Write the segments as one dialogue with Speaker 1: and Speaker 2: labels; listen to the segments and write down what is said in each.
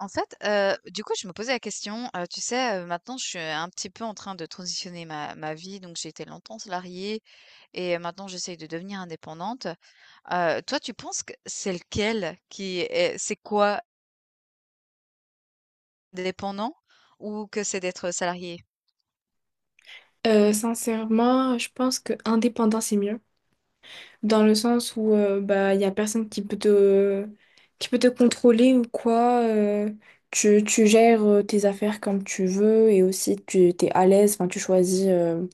Speaker 1: En fait, du coup, je me posais la question, tu sais, maintenant je suis un petit peu en train de transitionner ma vie, donc j'ai été longtemps salariée et maintenant j'essaye de devenir indépendante. Toi, tu penses que c'est lequel qui est c'est quoi? Dépendant, ou que c'est d'être salarié?
Speaker 2: Sincèrement, je pense que indépendant c'est mieux, dans le sens où il y a personne qui peut te contrôler ou quoi. Tu gères tes affaires comme tu veux et aussi tu t'es à l'aise. Enfin,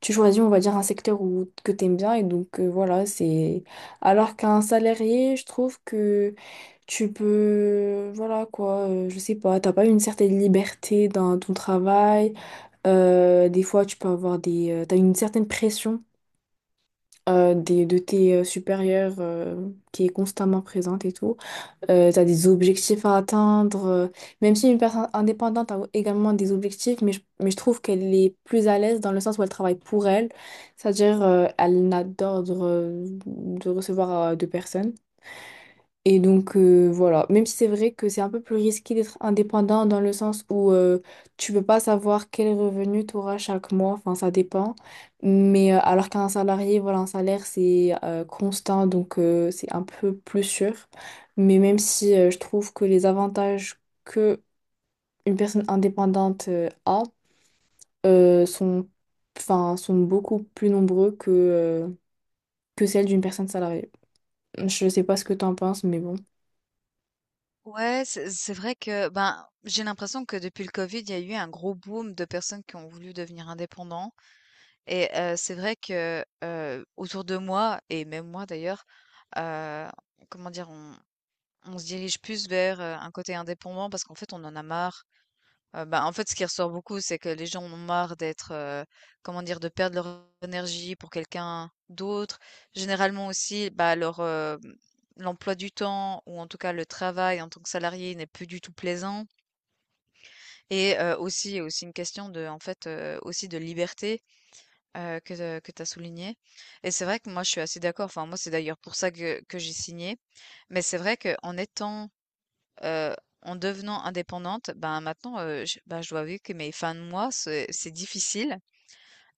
Speaker 2: tu choisis on va dire un secteur où que t'aimes bien et donc voilà c'est. Alors qu'un salarié, je trouve que tu peux voilà quoi, je sais pas, t'as pas une certaine liberté dans ton travail. Des fois, tu peux avoir t'as une certaine pression de tes supérieurs qui est constamment présente et tout. T'as des objectifs à atteindre. Même si une personne indépendante a également des objectifs, mais je trouve qu'elle est plus à l'aise dans le sens où elle travaille pour elle. C'est-à-dire, elle n'a d'ordre de recevoir de personne. Et donc voilà, même si c'est vrai que c'est un peu plus risqué d'être indépendant dans le sens où tu peux pas savoir quel revenu tu auras chaque mois, enfin ça dépend. Mais alors qu'un salarié, voilà, un salaire c'est constant, donc c'est un peu plus sûr. Mais même si je trouve que les avantages que une personne indépendante a sont, enfin, sont beaucoup plus nombreux que que celles d'une personne salariée. Je sais pas ce que tu en penses, mais bon.
Speaker 1: Ouais, c'est vrai que, ben, j'ai l'impression que depuis le covid, il y a eu un gros boom de personnes qui ont voulu devenir indépendants, et c'est vrai que, autour de moi et même moi d'ailleurs, heu, comment dire? On se dirige plus vers un côté indépendant parce qu'en fait, on en a marre. Bah, en fait, ce qui ressort beaucoup, c'est que les gens ont marre d'être, comment dire, de perdre leur énergie pour quelqu'un d'autre. Généralement aussi, bah, l'emploi du temps ou en tout cas le travail en tant que salarié n'est plus du tout plaisant, et aussi il y a aussi une question, de en fait, aussi de liberté, heu, que que tu as souligné, et c'est vrai que moi, je suis assez d'accord. Enfin, moi, c'est d'ailleurs pour ça que j'ai signé. Mais c'est vrai qu'en étant, Heu, en devenant indépendante, ben, maintenant, je ben, je dois avouer que mes fins de mois, c'est difficile.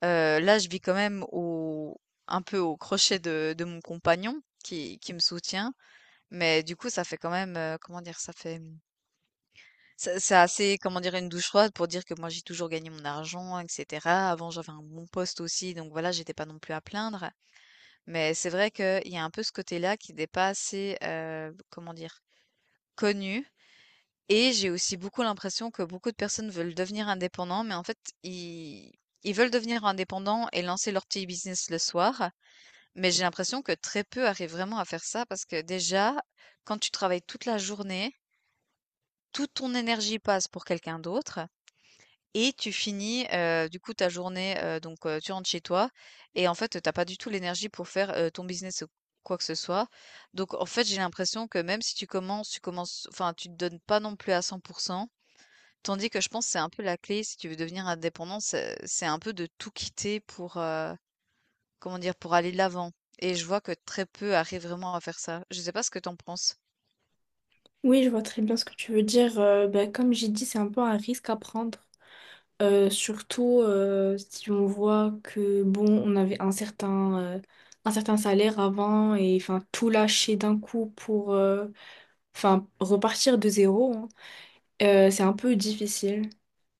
Speaker 1: Là, je vis quand même au un peu au crochet de mon compagnon qui me soutient, mais du coup, ça fait quand même, comment dire? Ça fait, c'est assez, comment dire, une douche froide, pour dire que moi, j'ai toujours gagné mon argent et cetera. Avant, j'avais un bon poste aussi, donc voilà, j'étais pas non plus à plaindre, mais c'est vrai qu'il y a un peu ce côté-là qui n'est pas assez, comment dire, connu. Et j'ai aussi beaucoup l'impression que beaucoup de personnes veulent devenir indépendants, mais en fait, ils ils veulent devenir indépendants et lancer leur petit business le soir. Mais j'ai l'impression que très peu arrivent vraiment à faire ça, parce que déjà, quand tu travailles toute la journée, toute ton énergie passe pour quelqu'un d'autre, et tu finis du coup ta journée, donc tu rentres chez toi, et en fait, t'as pas du tout l'énergie pour faire ton business ou quoi que ce soit. Donc en fait, j'ai l'impression que même si tu commences, enfin, tu te donnes pas non plus à 100%. Tandis que je pense que c'est un peu la clé, si tu veux devenir indépendant, c'est un peu de tout quitter pour, comment dire, pour aller de l'avant. Et je vois que très peu arrivent vraiment à faire ça. Je sais pas ce que t'en penses.
Speaker 2: Oui, je vois très bien ce que tu veux dire. Ben, comme j'ai dit, c'est un peu un risque à prendre. Surtout si on voit que, bon, on avait un un certain salaire avant et enfin, tout lâcher d'un coup pour enfin, repartir de zéro, hein, c'est un peu difficile.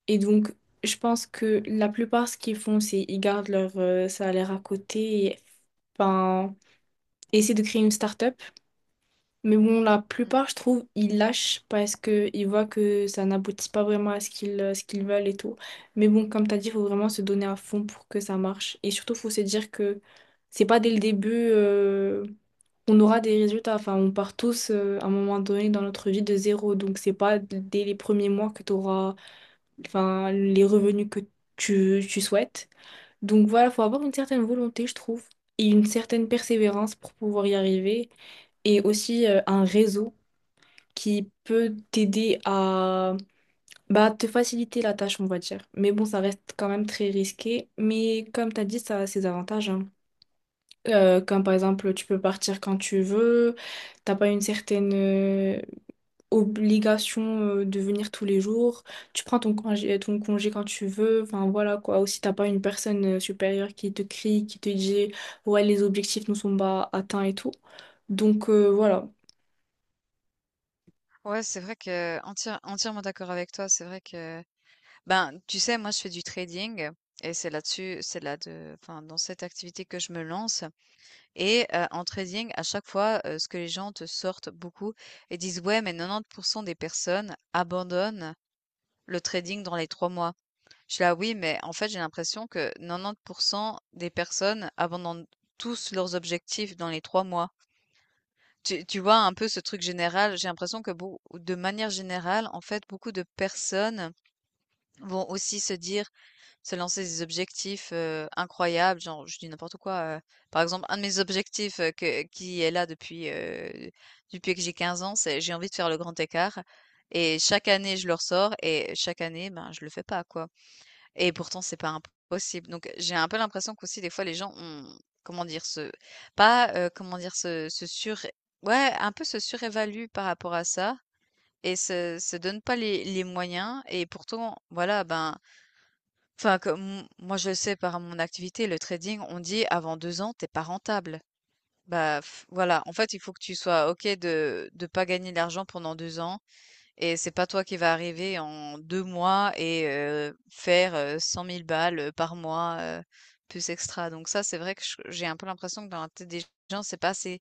Speaker 2: Et donc, je pense que la plupart, ce qu'ils font, c'est ils gardent leur salaire à côté et enfin, essaient de créer une start-up. Mais bon, la
Speaker 1: Mm.
Speaker 2: plupart, je trouve, ils lâchent parce qu'ils voient que ça n'aboutit pas vraiment à ce qu'ils veulent et tout. Mais bon, comme tu as dit, il faut vraiment se donner à fond pour que ça marche. Et surtout, il faut se dire que c'est pas dès le début qu'on aura des résultats. Enfin, on part tous à un moment donné dans notre vie de zéro. Donc, c'est pas dès les premiers mois que tu auras enfin, les revenus que tu souhaites. Donc, voilà, il faut avoir une certaine volonté, je trouve, et une certaine persévérance pour pouvoir y arriver et aussi un réseau qui peut t'aider à bah, te faciliter la tâche, on va dire. Mais bon, ça reste quand même très risqué. Mais comme tu as dit, ça a ses avantages, hein. Comme par exemple, tu peux partir quand tu veux, t'as pas une certaine obligation de venir tous les jours, tu prends ton congé quand tu veux, enfin voilà quoi. Aussi, t'as pas une personne supérieure qui te crie, qui te dit ouais, les objectifs ne sont pas atteints et tout. Donc voilà.
Speaker 1: Ouais, c'est vrai que entièrement d'accord avec toi. C'est vrai que, ben, tu sais, moi je fais du trading, et c'est là-dessus, c'est là, de, enfin dans cette activité, que je me lance. Et en trading, à chaque fois, ce que les gens te sortent beaucoup et disent: ouais, mais 90% des personnes abandonnent le trading dans les 3 mois. Je suis là: oui, mais en fait, j'ai l'impression que 90% des personnes abandonnent tous leurs objectifs dans les 3 mois. Tu vois un peu ce truc général, j'ai l'impression que, de manière générale, en fait, beaucoup de personnes vont aussi se dire, se lancer des objectifs incroyables, genre, je dis n'importe quoi. Par exemple, un de mes objectifs, qui est là depuis, depuis que j'ai 15 ans, c'est j'ai envie de faire le grand écart. Et chaque année, je le ressors, et chaque année, ben, je le fais pas, quoi. Et pourtant, c'est pas impossible. Donc, j'ai un peu l'impression qu'aussi des fois les gens ont, comment dire, ce pas, comment dire, ce ce sur ouais, un peu se surévaluent par rapport à ça, et se donnent pas les moyens, et pourtant voilà, ben, enfin comme moi je le sais par mon activité, le trading, on dit: «Avant 2 ans, t'es pas rentable». Bah, voilà, en fait, il faut que tu sois OK de pas gagner d'argent pendant 2 ans, et c'est pas toi qui vas arriver en 2 mois et faire 100 000 balles par mois, plus extra. Donc ça, c'est vrai que je j'ai un peu l'impression que dans la tête des gens, c'est pas assez,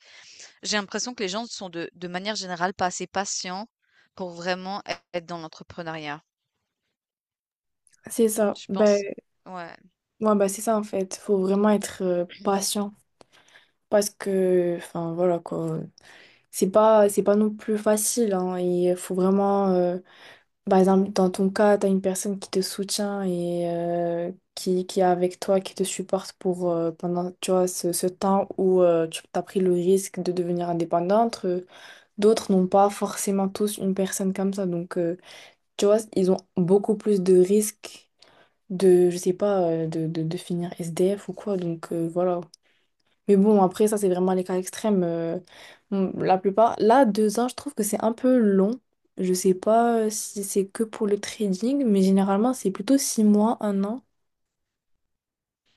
Speaker 1: j'ai l'impression que les gens sont, de manière générale, pas assez patients pour vraiment ê être dans l'entrepreneuriat.
Speaker 2: C'est ça.
Speaker 1: Je
Speaker 2: Ben,
Speaker 1: pense. Ouais.
Speaker 2: ouais, bah c'est ça en fait. Faut vraiment être patient parce que, enfin voilà quoi. C'est pas non plus facile, hein. Il faut vraiment, par exemple, dans ton cas, t'as une personne qui te soutient et qui est avec toi, qui te supporte pour pendant, tu vois, ce temps où tu as pris le risque de devenir indépendante. D'autres n'ont pas forcément tous une personne comme ça, donc tu vois, ils ont beaucoup plus de risques de, je sais pas, de finir SDF ou quoi. Donc voilà. Mais bon, après, ça, c'est vraiment les cas extrêmes. Bon, la plupart. Là, deux ans, je trouve que c'est un peu long. Je sais pas si c'est que pour le trading, mais généralement, c'est plutôt six mois, un an.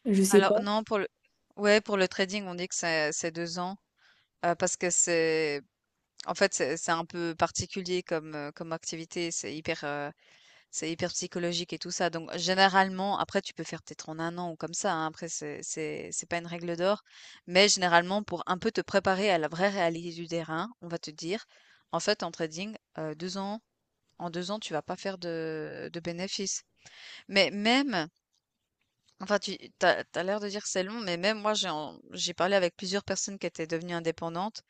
Speaker 2: Je sais
Speaker 1: Alors
Speaker 2: pas.
Speaker 1: non, pour le, ouais, pour le trading, on dit que c'est 2 ans, parce que c'est, en fait, c'est un peu particulier comme, comme activité. C'est hyper psychologique et tout ça. Donc, généralement, après, tu peux faire peut-être en un an ou comme ça, hein. Après, c'est pas une règle d'or. Mais généralement, pour un peu te préparer à la vraie réalité du terrain, on va te dire, en fait, en trading, en 2 ans, tu vas pas faire de bénéfices. Mais même, enfin, t'as l'air de dire que c'est long, mais même moi, j'ai parlé avec plusieurs personnes qui étaient devenues indépendantes.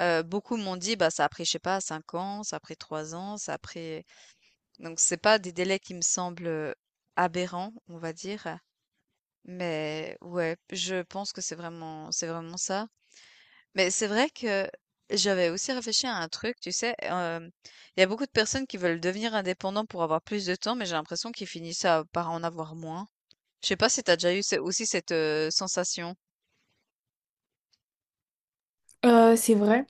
Speaker 1: Beaucoup m'ont dit, bah, ça a pris, je sais pas, 5 ans, ça a pris 3 ans, ça a pris. Donc c'est pas des délais qui me semblent aberrants, on va dire, mais ouais, je pense que c'est vraiment ça. Mais c'est vrai que j'avais aussi réfléchi à un truc, tu sais, il y a beaucoup de personnes qui veulent devenir indépendants pour avoir plus de temps, mais j'ai l'impression qu'ils finissent par en avoir moins. Je sais pas si t'as déjà eu ce aussi cette sensation?
Speaker 2: C'est vrai.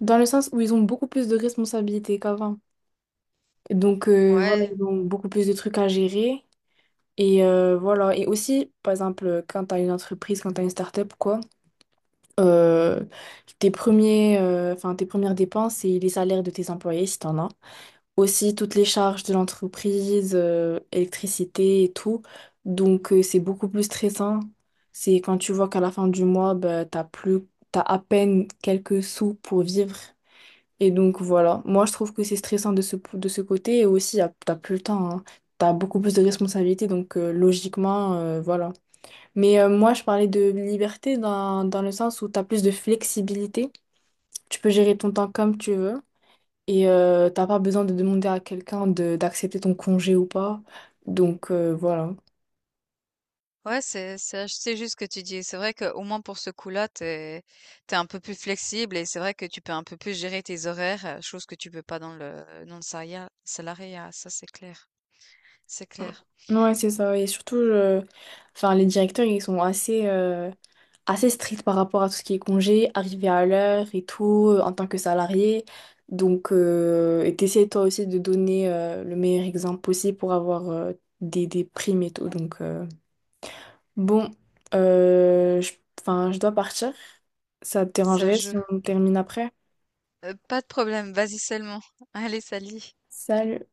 Speaker 2: Dans le sens où ils ont beaucoup plus de responsabilités qu'avant. Donc, voilà,
Speaker 1: Ouais.
Speaker 2: ils ont beaucoup plus de trucs à gérer. Et voilà. Et aussi, par exemple, quand t'as une entreprise, quand t'as une start-up, quoi, euh, tes enfin, tes premières dépenses, c'est les salaires de tes employés, si t'en as. Aussi toutes les charges de l'entreprise, électricité et tout. Donc, c'est beaucoup plus stressant. C'est quand tu vois qu'à la fin du mois, bah, t'as plus, t'as à peine quelques sous pour vivre. Et donc, voilà. Moi, je trouve que c'est stressant de ce côté. Et aussi, t'as plus le temps, hein. T'as beaucoup plus de responsabilités. Donc, logiquement, voilà. Mais moi, je parlais de liberté dans le sens où t'as plus de flexibilité. Tu peux gérer ton temps comme tu veux. Et t'as pas besoin de demander à quelqu'un de d'accepter ton congé ou pas. Donc voilà.
Speaker 1: Ouais, c'est juste ce que tu dis. C'est vrai qu'au moins pour ce coup-là, t'es un peu plus flexible, et c'est vrai que tu peux un peu plus gérer tes horaires, chose que tu peux pas dans le salariat, ça c'est clair. C'est clair.
Speaker 2: Ouais, c'est ça. Et surtout, enfin, les directeurs, ils sont assez stricts par rapport à tout ce qui est congé, arriver à l'heure et tout, en tant que salarié. Donc, et t'essaies toi aussi de donner le meilleur exemple possible pour avoir des primes et tout. Donc, bon, euh, je, enfin, je dois partir. Ça te
Speaker 1: Ça
Speaker 2: dérangerait si
Speaker 1: joue.
Speaker 2: on termine après?
Speaker 1: Pas de problème, vas-y seulement. Allez, salut.
Speaker 2: Salut.